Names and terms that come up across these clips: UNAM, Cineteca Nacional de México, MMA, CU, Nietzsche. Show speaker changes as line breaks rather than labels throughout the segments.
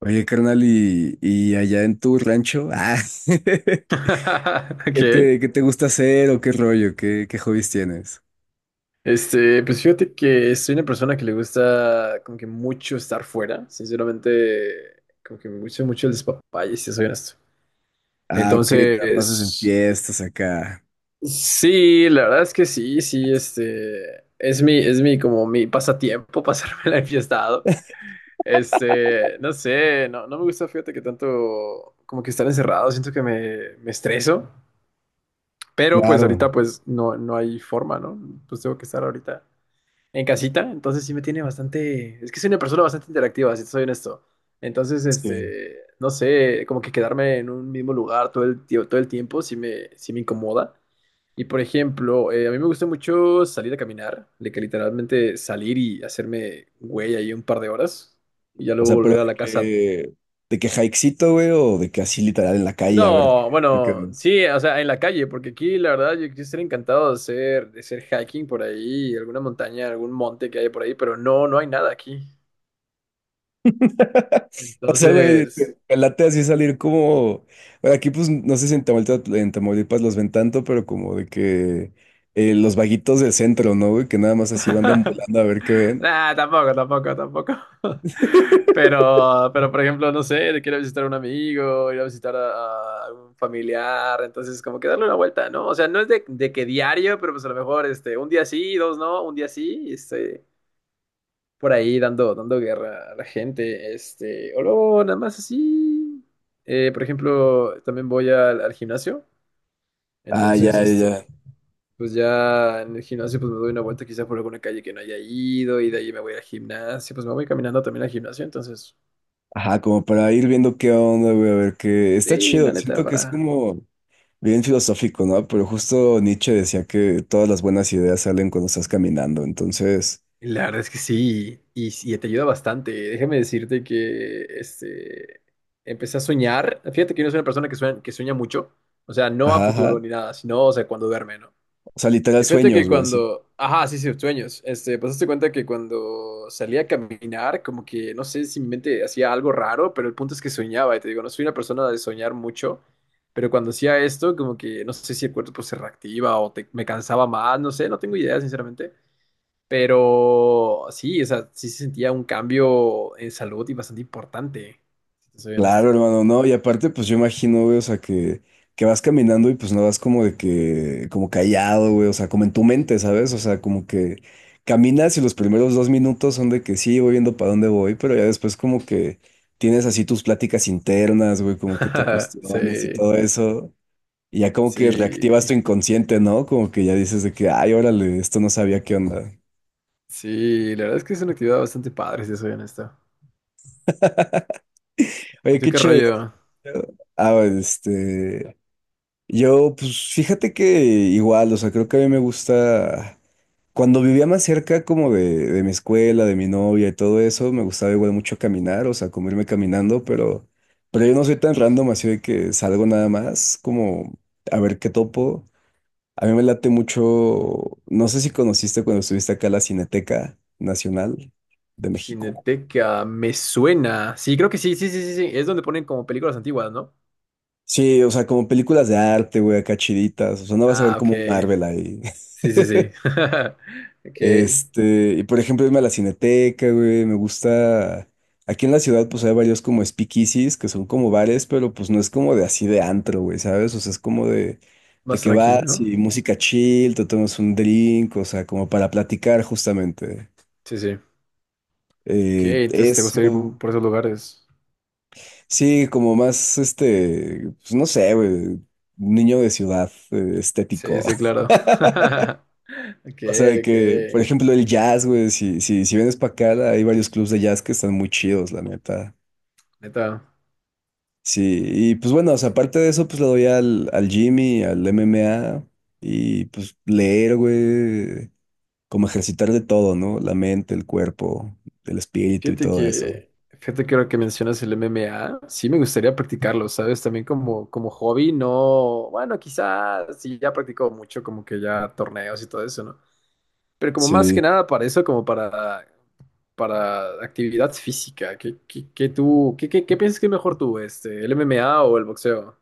Oye, carnal, y allá en tu rancho,
Ok.
qué te gusta hacer o qué rollo? Qué hobbies tienes?
Pues fíjate que soy una persona que le gusta como que mucho estar fuera. Sinceramente, como que me gusta mucho el despapalle, si soy honesto.
Ah, ok, te la pasas en
Entonces,
fiestas acá.
sí, la verdad es que sí, sí, es mi, como mi pasatiempo, pasármela enfiestado. No sé, no me gusta, fíjate que tanto como que estar encerrado, siento que me estreso. Pero pues
Claro,
ahorita pues no hay forma, ¿no? Pues tengo que estar ahorita en casita, entonces sí me tiene bastante, es que soy una persona bastante interactiva, si te soy honesto. Entonces,
sí.
no sé, como que quedarme en un mismo lugar todo el tiempo sí me incomoda. Y por ejemplo, a mí me gusta mucho salir a caminar, de que literalmente salir y hacerme güey ahí un par de horas y ya
O
luego
sea, pero
volver a
de
la casa.
que, de que hikecito, güey, o de que así literal en la calle, a ver,
No,
qué
bueno,
ves.
sí, o sea, en la calle, porque aquí la verdad yo estaría encantado de hacer hiking por ahí, alguna montaña, algún monte que haya por ahí, pero no hay nada aquí.
O sea, güey,
Entonces,
te late así salir como. Bueno, aquí, pues, no sé si en Tamaulipas, en Tamaulipas los ven tanto, pero como de que los vaguitos del centro, ¿no, güey? Que nada más así van deambulando a ver qué ven.
nada, tampoco, tampoco, tampoco. Pero por ejemplo, no sé, quiero visitar a un amigo, ir a visitar a un familiar, entonces como que darle una vuelta, ¿no? O sea, no es de que diario, pero pues a lo mejor un día sí, dos no, un día sí, y por ahí dando guerra a la gente, o luego nada más así. Por ejemplo, también voy al gimnasio,
Ah, ya,
entonces,
ya,
este,
ya.
Pues ya en el gimnasio pues me doy una vuelta quizá por alguna calle que no haya ido y de ahí me voy al gimnasio, pues me voy caminando también al gimnasio, entonces
Ajá, como para ir viendo qué onda, güey, a ver qué. Está
sí,
chido,
la neta
siento que es
para.
como bien filosófico, ¿no? Pero justo Nietzsche decía que todas las buenas ideas salen cuando estás caminando, entonces,
La verdad es que sí, y te ayuda bastante. Déjame decirte que empecé a soñar. Fíjate que yo no soy una persona que sueña mucho, o sea, no a
ajá,
futuro
ajá.
ni nada, sino, o sea, cuando duerme, ¿no?
O sea, literal
Y fíjate que
sueños, güey. Sí.
cuando, ajá, sí, sí, sueños, pues hazte cuenta que cuando salía a caminar, como que, no sé si mi mente hacía algo raro, pero el punto es que soñaba, y te digo, no soy una persona de soñar mucho, pero cuando hacía esto, como que, no sé si el cuerpo pues, se reactiva o me cansaba más, no sé, no tengo idea, sinceramente, pero sí, o sea, sí se sentía un cambio en salud y bastante importante, si te soy
Claro,
honesto.
hermano, no, y aparte, pues yo imagino, güey, que vas caminando y pues no vas como de que, como callado, güey, o sea, como en tu mente, ¿sabes? O sea, como que caminas y los primeros dos minutos son de que sí, voy viendo para dónde voy, pero ya después como que tienes así tus pláticas internas, güey, como que te cuestionas y
Sí,
todo eso, y ya como que reactivas
sí,
tu inconsciente, ¿no? Como que ya dices de que, ay, órale, esto no sabía qué onda.
sí, la verdad es que es una actividad bastante padre, si te soy honesto. ¿Y
Oye,
tú
qué
qué
chido.
rollo?
Ah, este. Yo, pues fíjate que igual, o sea, creo que a mí me gusta, cuando vivía más cerca como de mi escuela, de mi novia y todo eso, me gustaba igual mucho caminar, o sea, como irme caminando, pero yo no soy tan random así de que salgo nada más, como a ver qué topo. A mí me late mucho, no sé si conociste cuando estuviste acá la Cineteca Nacional de México.
Cineteca, me suena. Sí, creo que sí, sí, sí, sí, sí. Es donde ponen como películas antiguas, ¿no?
Sí, o sea, como películas de arte, güey, acá chiditas, o sea, no vas a ver
Ah, ok.
como un Marvel ahí.
Sí, sí, sí. Ok.
Y por ejemplo, irme a la Cineteca, güey, me gusta. Aquí en la ciudad, pues hay varios como speakeasies, que son como bares, pero pues no es como de así de antro, güey, ¿sabes? O sea, es como de
Más
que
tranqui,
vas
¿no?
y música chill, te tomas un drink, o sea, como para platicar justamente.
Sí, sí. Ok, entonces te gusta ir
Eso.
por esos lugares.
Sí, como más, pues no sé, güey, niño de ciudad,
Sí,
estético.
sí, claro. Ok,
O sea, de que, por
ok.
ejemplo, el jazz, güey, si vienes para acá, hay varios clubs de jazz que están muy chidos, la neta.
Neta.
Sí, y pues bueno, o sea, aparte de eso, pues le doy al Jimmy, al MMA, y pues leer, güey, como ejercitar de todo, ¿no? La mente, el cuerpo, el espíritu y
Fíjate
todo eso.
que, fíjate que ahora que mencionas el MMA, sí me gustaría practicarlo, ¿sabes? También como hobby, no. Bueno, quizás sí ya practico mucho, como que ya torneos y todo eso, ¿no? Pero como más que
Sí.
nada para eso, como para actividad física. ¿Qué tú, qué piensas que es mejor tú, el MMA o el boxeo?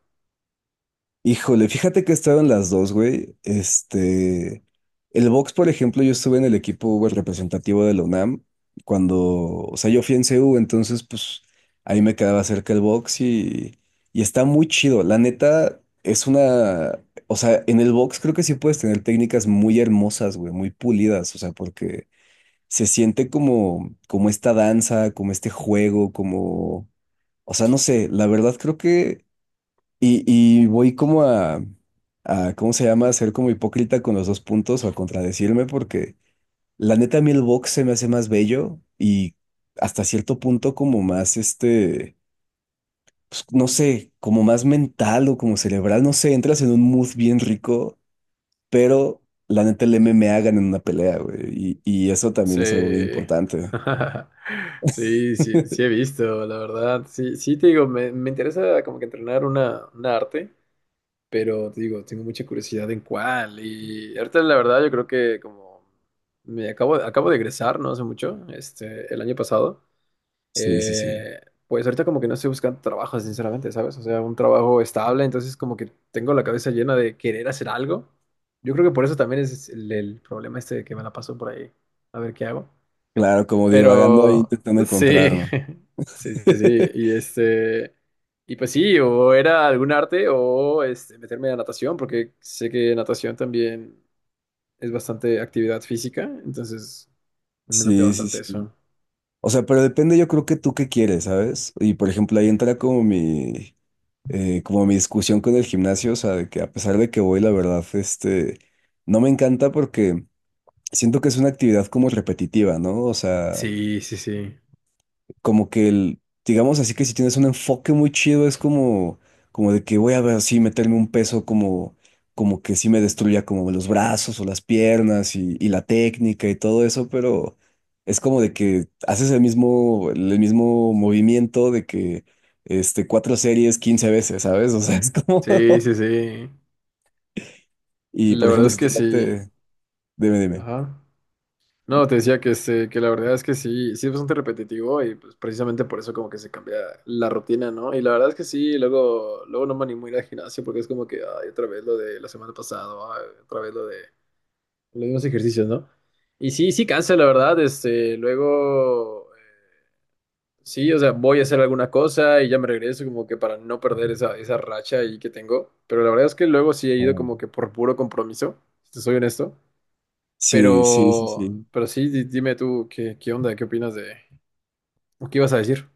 Híjole, fíjate que he estado en las dos, güey. El box, por ejemplo, yo estuve en el equipo güey, representativo de la UNAM cuando, o sea, yo fui en CU, entonces, pues, ahí me quedaba cerca el box y está muy chido. La neta, es una, o sea, en el box creo que sí puedes tener técnicas muy hermosas, güey, muy pulidas, o sea, porque se siente como, como esta danza, como este juego, como, o sea, no sé, la verdad creo que... Y voy como a ¿cómo se llama? A ser como hipócrita con los dos puntos o a contradecirme porque la neta a mí el box se me hace más bello y hasta cierto punto como más pues, no sé, como más mental o como cerebral, no sé, entras en un mood bien rico, pero la neta el MMA gana en una pelea, güey, y eso
Sí.
también es algo bien importante.
Sí, sí, sí he visto, la verdad. Sí, sí te digo, me interesa como que entrenar una arte, pero te digo, tengo mucha curiosidad en cuál. Y ahorita la verdad yo creo que como acabo de egresar, no hace mucho, el año pasado.
Sí, sí, sí.
Eh, pues ahorita como que no estoy buscando trabajo, sinceramente, ¿sabes? O sea, un trabajo estable, entonces como que tengo la cabeza llena de querer hacer algo. Yo creo que por eso también es el problema este de que me la paso por ahí, a ver qué hago.
Claro, como divagando ahí
Pero
intentando encontrar,
sí,
¿no?
sí, sí, sí. Y y pues sí, o era algún arte o meterme a natación, porque sé que natación también es bastante actividad física, entonces me late
Sí, sí,
bastante
sí.
eso.
O sea, pero depende, yo creo que tú qué quieres, ¿sabes? Y por ejemplo, ahí entra como como mi discusión con el gimnasio, o sea, de que a pesar de que voy, la verdad, no me encanta porque siento que es una actividad como repetitiva, ¿no? O sea,
Sí, sí, sí.
como que el, digamos así que si tienes un enfoque muy chido, es como, como de que voy a ver así, meterme un peso como, como que sí me destruya como los brazos o las piernas y la técnica y todo eso, pero es como de que haces el mismo movimiento de que cuatro series 15 veces, ¿sabes? O sea, es como,
Sí, sí, sí.
y
La
por
verdad
ejemplo,
es
si te
que sí.
late, dime.
Ajá. No, te decía que la verdad es que sí, sí es bastante repetitivo y pues precisamente por eso como que se cambia la rutina, ¿no? Y la verdad es que sí, luego, luego no me animo a ir al gimnasio porque es como que, ay, otra vez lo de la semana pasada, ay, otra vez lo de los mismos ejercicios, ¿no? Y sí, sí cansa, la verdad, luego, sí, o sea, voy a hacer alguna cosa y ya me regreso como que para no perder esa racha ahí que tengo, pero la verdad es que luego sí he ido
Mm.
como que por puro compromiso, si te soy honesto.
Sí, sí, sí, sí.
Pero sí, dime tú qué onda, qué opinas de, o qué ibas a decir.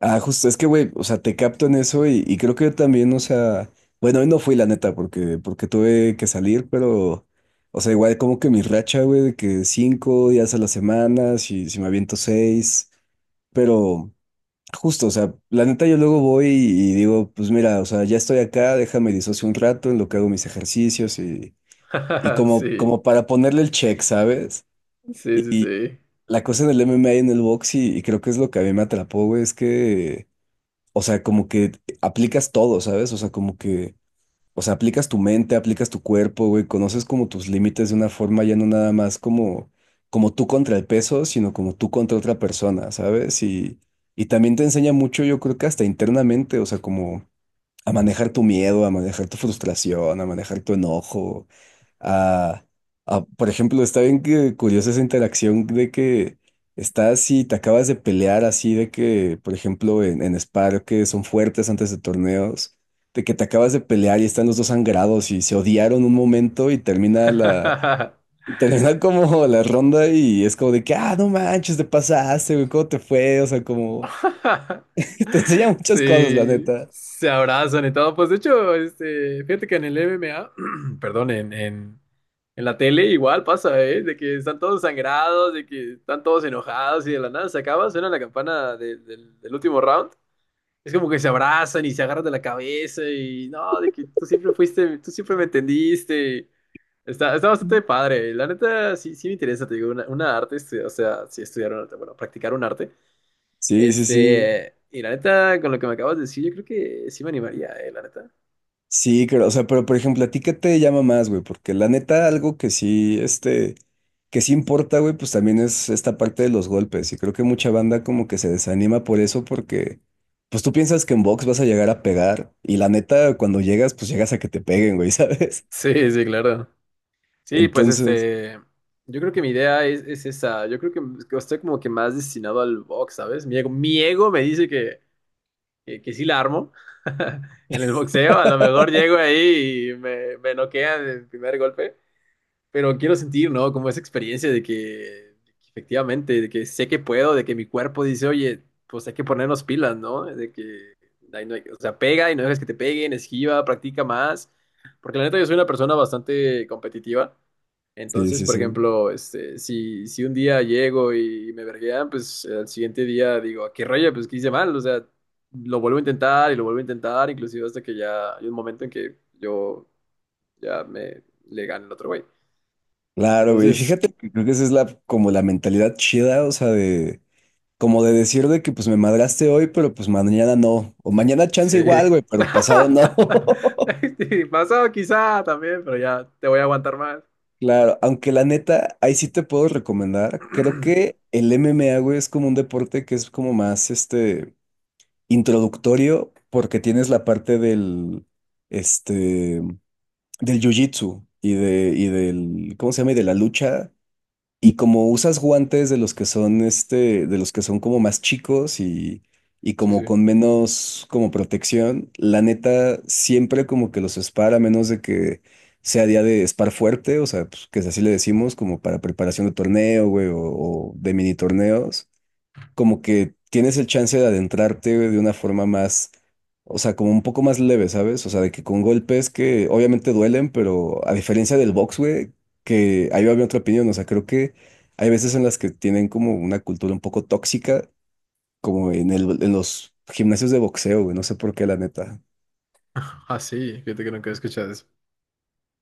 Ah, justo, es que, güey, o sea, te capto en eso y creo que yo también, o sea, bueno, hoy no fui la neta porque, porque tuve que salir, pero, o sea, igual como que mi racha, güey, de que cinco días a la semana, si me aviento seis, pero justo, o sea, la neta yo luego voy y digo, pues mira, o sea, ya estoy acá, déjame disocio un rato en lo que hago mis ejercicios y como,
Sí,
como para ponerle el check, ¿sabes?
sí,
Y,
sí,
y
sí.
la cosa del MMA en el box y creo que es lo que a mí me atrapó, güey, es que o sea, como que aplicas todo, ¿sabes? O sea, como que, o sea, aplicas tu mente, aplicas tu cuerpo, güey, conoces como tus límites de una forma ya no nada más como, como tú contra el peso, sino como tú contra otra persona, ¿sabes? Y también te enseña mucho, yo creo que hasta internamente, o sea, como a manejar tu miedo, a manejar tu frustración, a manejar tu enojo, a, por ejemplo, está bien que curiosa esa interacción de que estás y te acabas de pelear así de que, por ejemplo, en Spar, que son fuertes antes de torneos, de que te acabas de pelear y están los dos sangrados y se odiaron un momento y termina la... Y termina como la ronda y es como de que, ah, no manches, te pasaste, güey, ¿cómo te fue? O sea, como te enseña muchas cosas, la
Sí,
neta.
se abrazan y todo. Pues de hecho, fíjate que en el MMA perdón, en la tele igual pasa, ¿eh? De que están todos sangrados, de que están todos enojados y de la nada se acaba, suena la campana del último round. Es como que se abrazan y se agarran de la cabeza y no, de que tú siempre fuiste, tú siempre me entendiste. Está bastante padre. Y la neta, sí, sí me interesa, te digo, una arte, o sea, sí estudiar un arte, bueno, practicar un arte.
Sí, sí, sí.
Y la neta, con lo que me acabas de decir, yo creo que sí me animaría, la neta.
Sí, pero, o sea, pero por ejemplo, ¿a ti qué te llama más, güey? Porque la neta, algo que sí, que sí importa, güey, pues también es esta parte de los golpes. Y creo que mucha banda como que se desanima por eso, porque pues tú piensas que en box vas a llegar a pegar. Y la neta, cuando llegas, pues llegas a que te peguen, güey, ¿sabes?
Sí, sí, claro. Sí, pues
Entonces,
yo creo que mi idea es, esa. Yo creo que estoy como que más destinado al box, ¿sabes? Mi ego me dice que sí la armo en el boxeo. A lo mejor llego ahí y me noquean el primer golpe. Pero quiero sentir, ¿no? Como esa experiencia de que efectivamente, de que sé que puedo, de que mi cuerpo dice, oye, pues hay que ponernos pilas, ¿no? De que, ahí no hay- O sea, pega y no dejes que te peguen, esquiva, practica más. Porque la neta yo soy una persona bastante competitiva.
sí,
Entonces,
sí,
por
sí.
ejemplo, si un día llego y me verguean, pues al siguiente día digo, ¿a qué rollo? Pues que hice mal, o sea, lo vuelvo a intentar y lo vuelvo a intentar, inclusive hasta que ya hay un momento en que yo ya me le gane el otro güey.
Claro, güey. Y
Entonces,
fíjate que creo que esa es la, como la mentalidad chida, o sea, de, como de decir de que pues me madraste hoy, pero pues mañana no. O mañana chance
sí.
igual, güey, pero pasado no.
Sí, pasado quizá también, pero ya te voy a aguantar más.
Claro, aunque la neta, ahí sí te puedo recomendar. Creo que el MMA, güey, es como un deporte que es como más, introductorio, porque tienes la parte del, este, del jiu-jitsu y y del, ¿cómo se llama? Y de la lucha. Y como usas guantes de los que son este, de los que son como más chicos y
Sí,
como
sí.
con menos como protección, la neta siempre como que los spar, a menos de que sea día de spar fuerte, o sea, pues, que así le decimos, como para preparación de torneo, güey, o de mini torneos como que tienes el chance de adentrarte de una forma más, o sea, como un poco más leve, ¿sabes? O sea, de que con golpes que obviamente duelen, pero a diferencia del box, güey, que ahí va mi otra opinión, o sea, creo que hay veces en las que tienen como una cultura un poco tóxica, como en el, en los gimnasios de boxeo, güey, no sé por qué, la neta.
Ah, sí, fíjate que nunca he escuchado eso.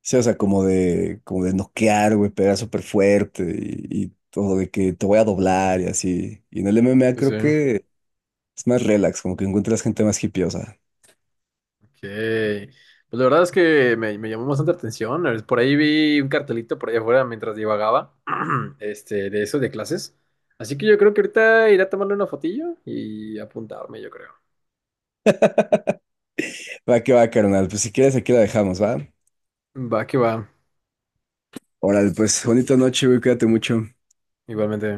Sí, o sea, como de noquear, güey, pegar súper fuerte y todo de que te voy a doblar y así. Y en el MMA
Sí, sí.
creo
Ok.
que es más relax, como que encuentras gente más hipiosa.
Pues la verdad es que me llamó bastante la atención. Por ahí vi un cartelito por allá afuera mientras divagaba, de eso, de clases. Así que yo creo que ahorita iré a tomarle una fotillo y apuntarme, yo creo.
Va que va, carnal. Pues si quieres, aquí la dejamos, ¿va?
Va que va,
Órale, pues bonita noche, güey. Cuídate mucho.
igualmente.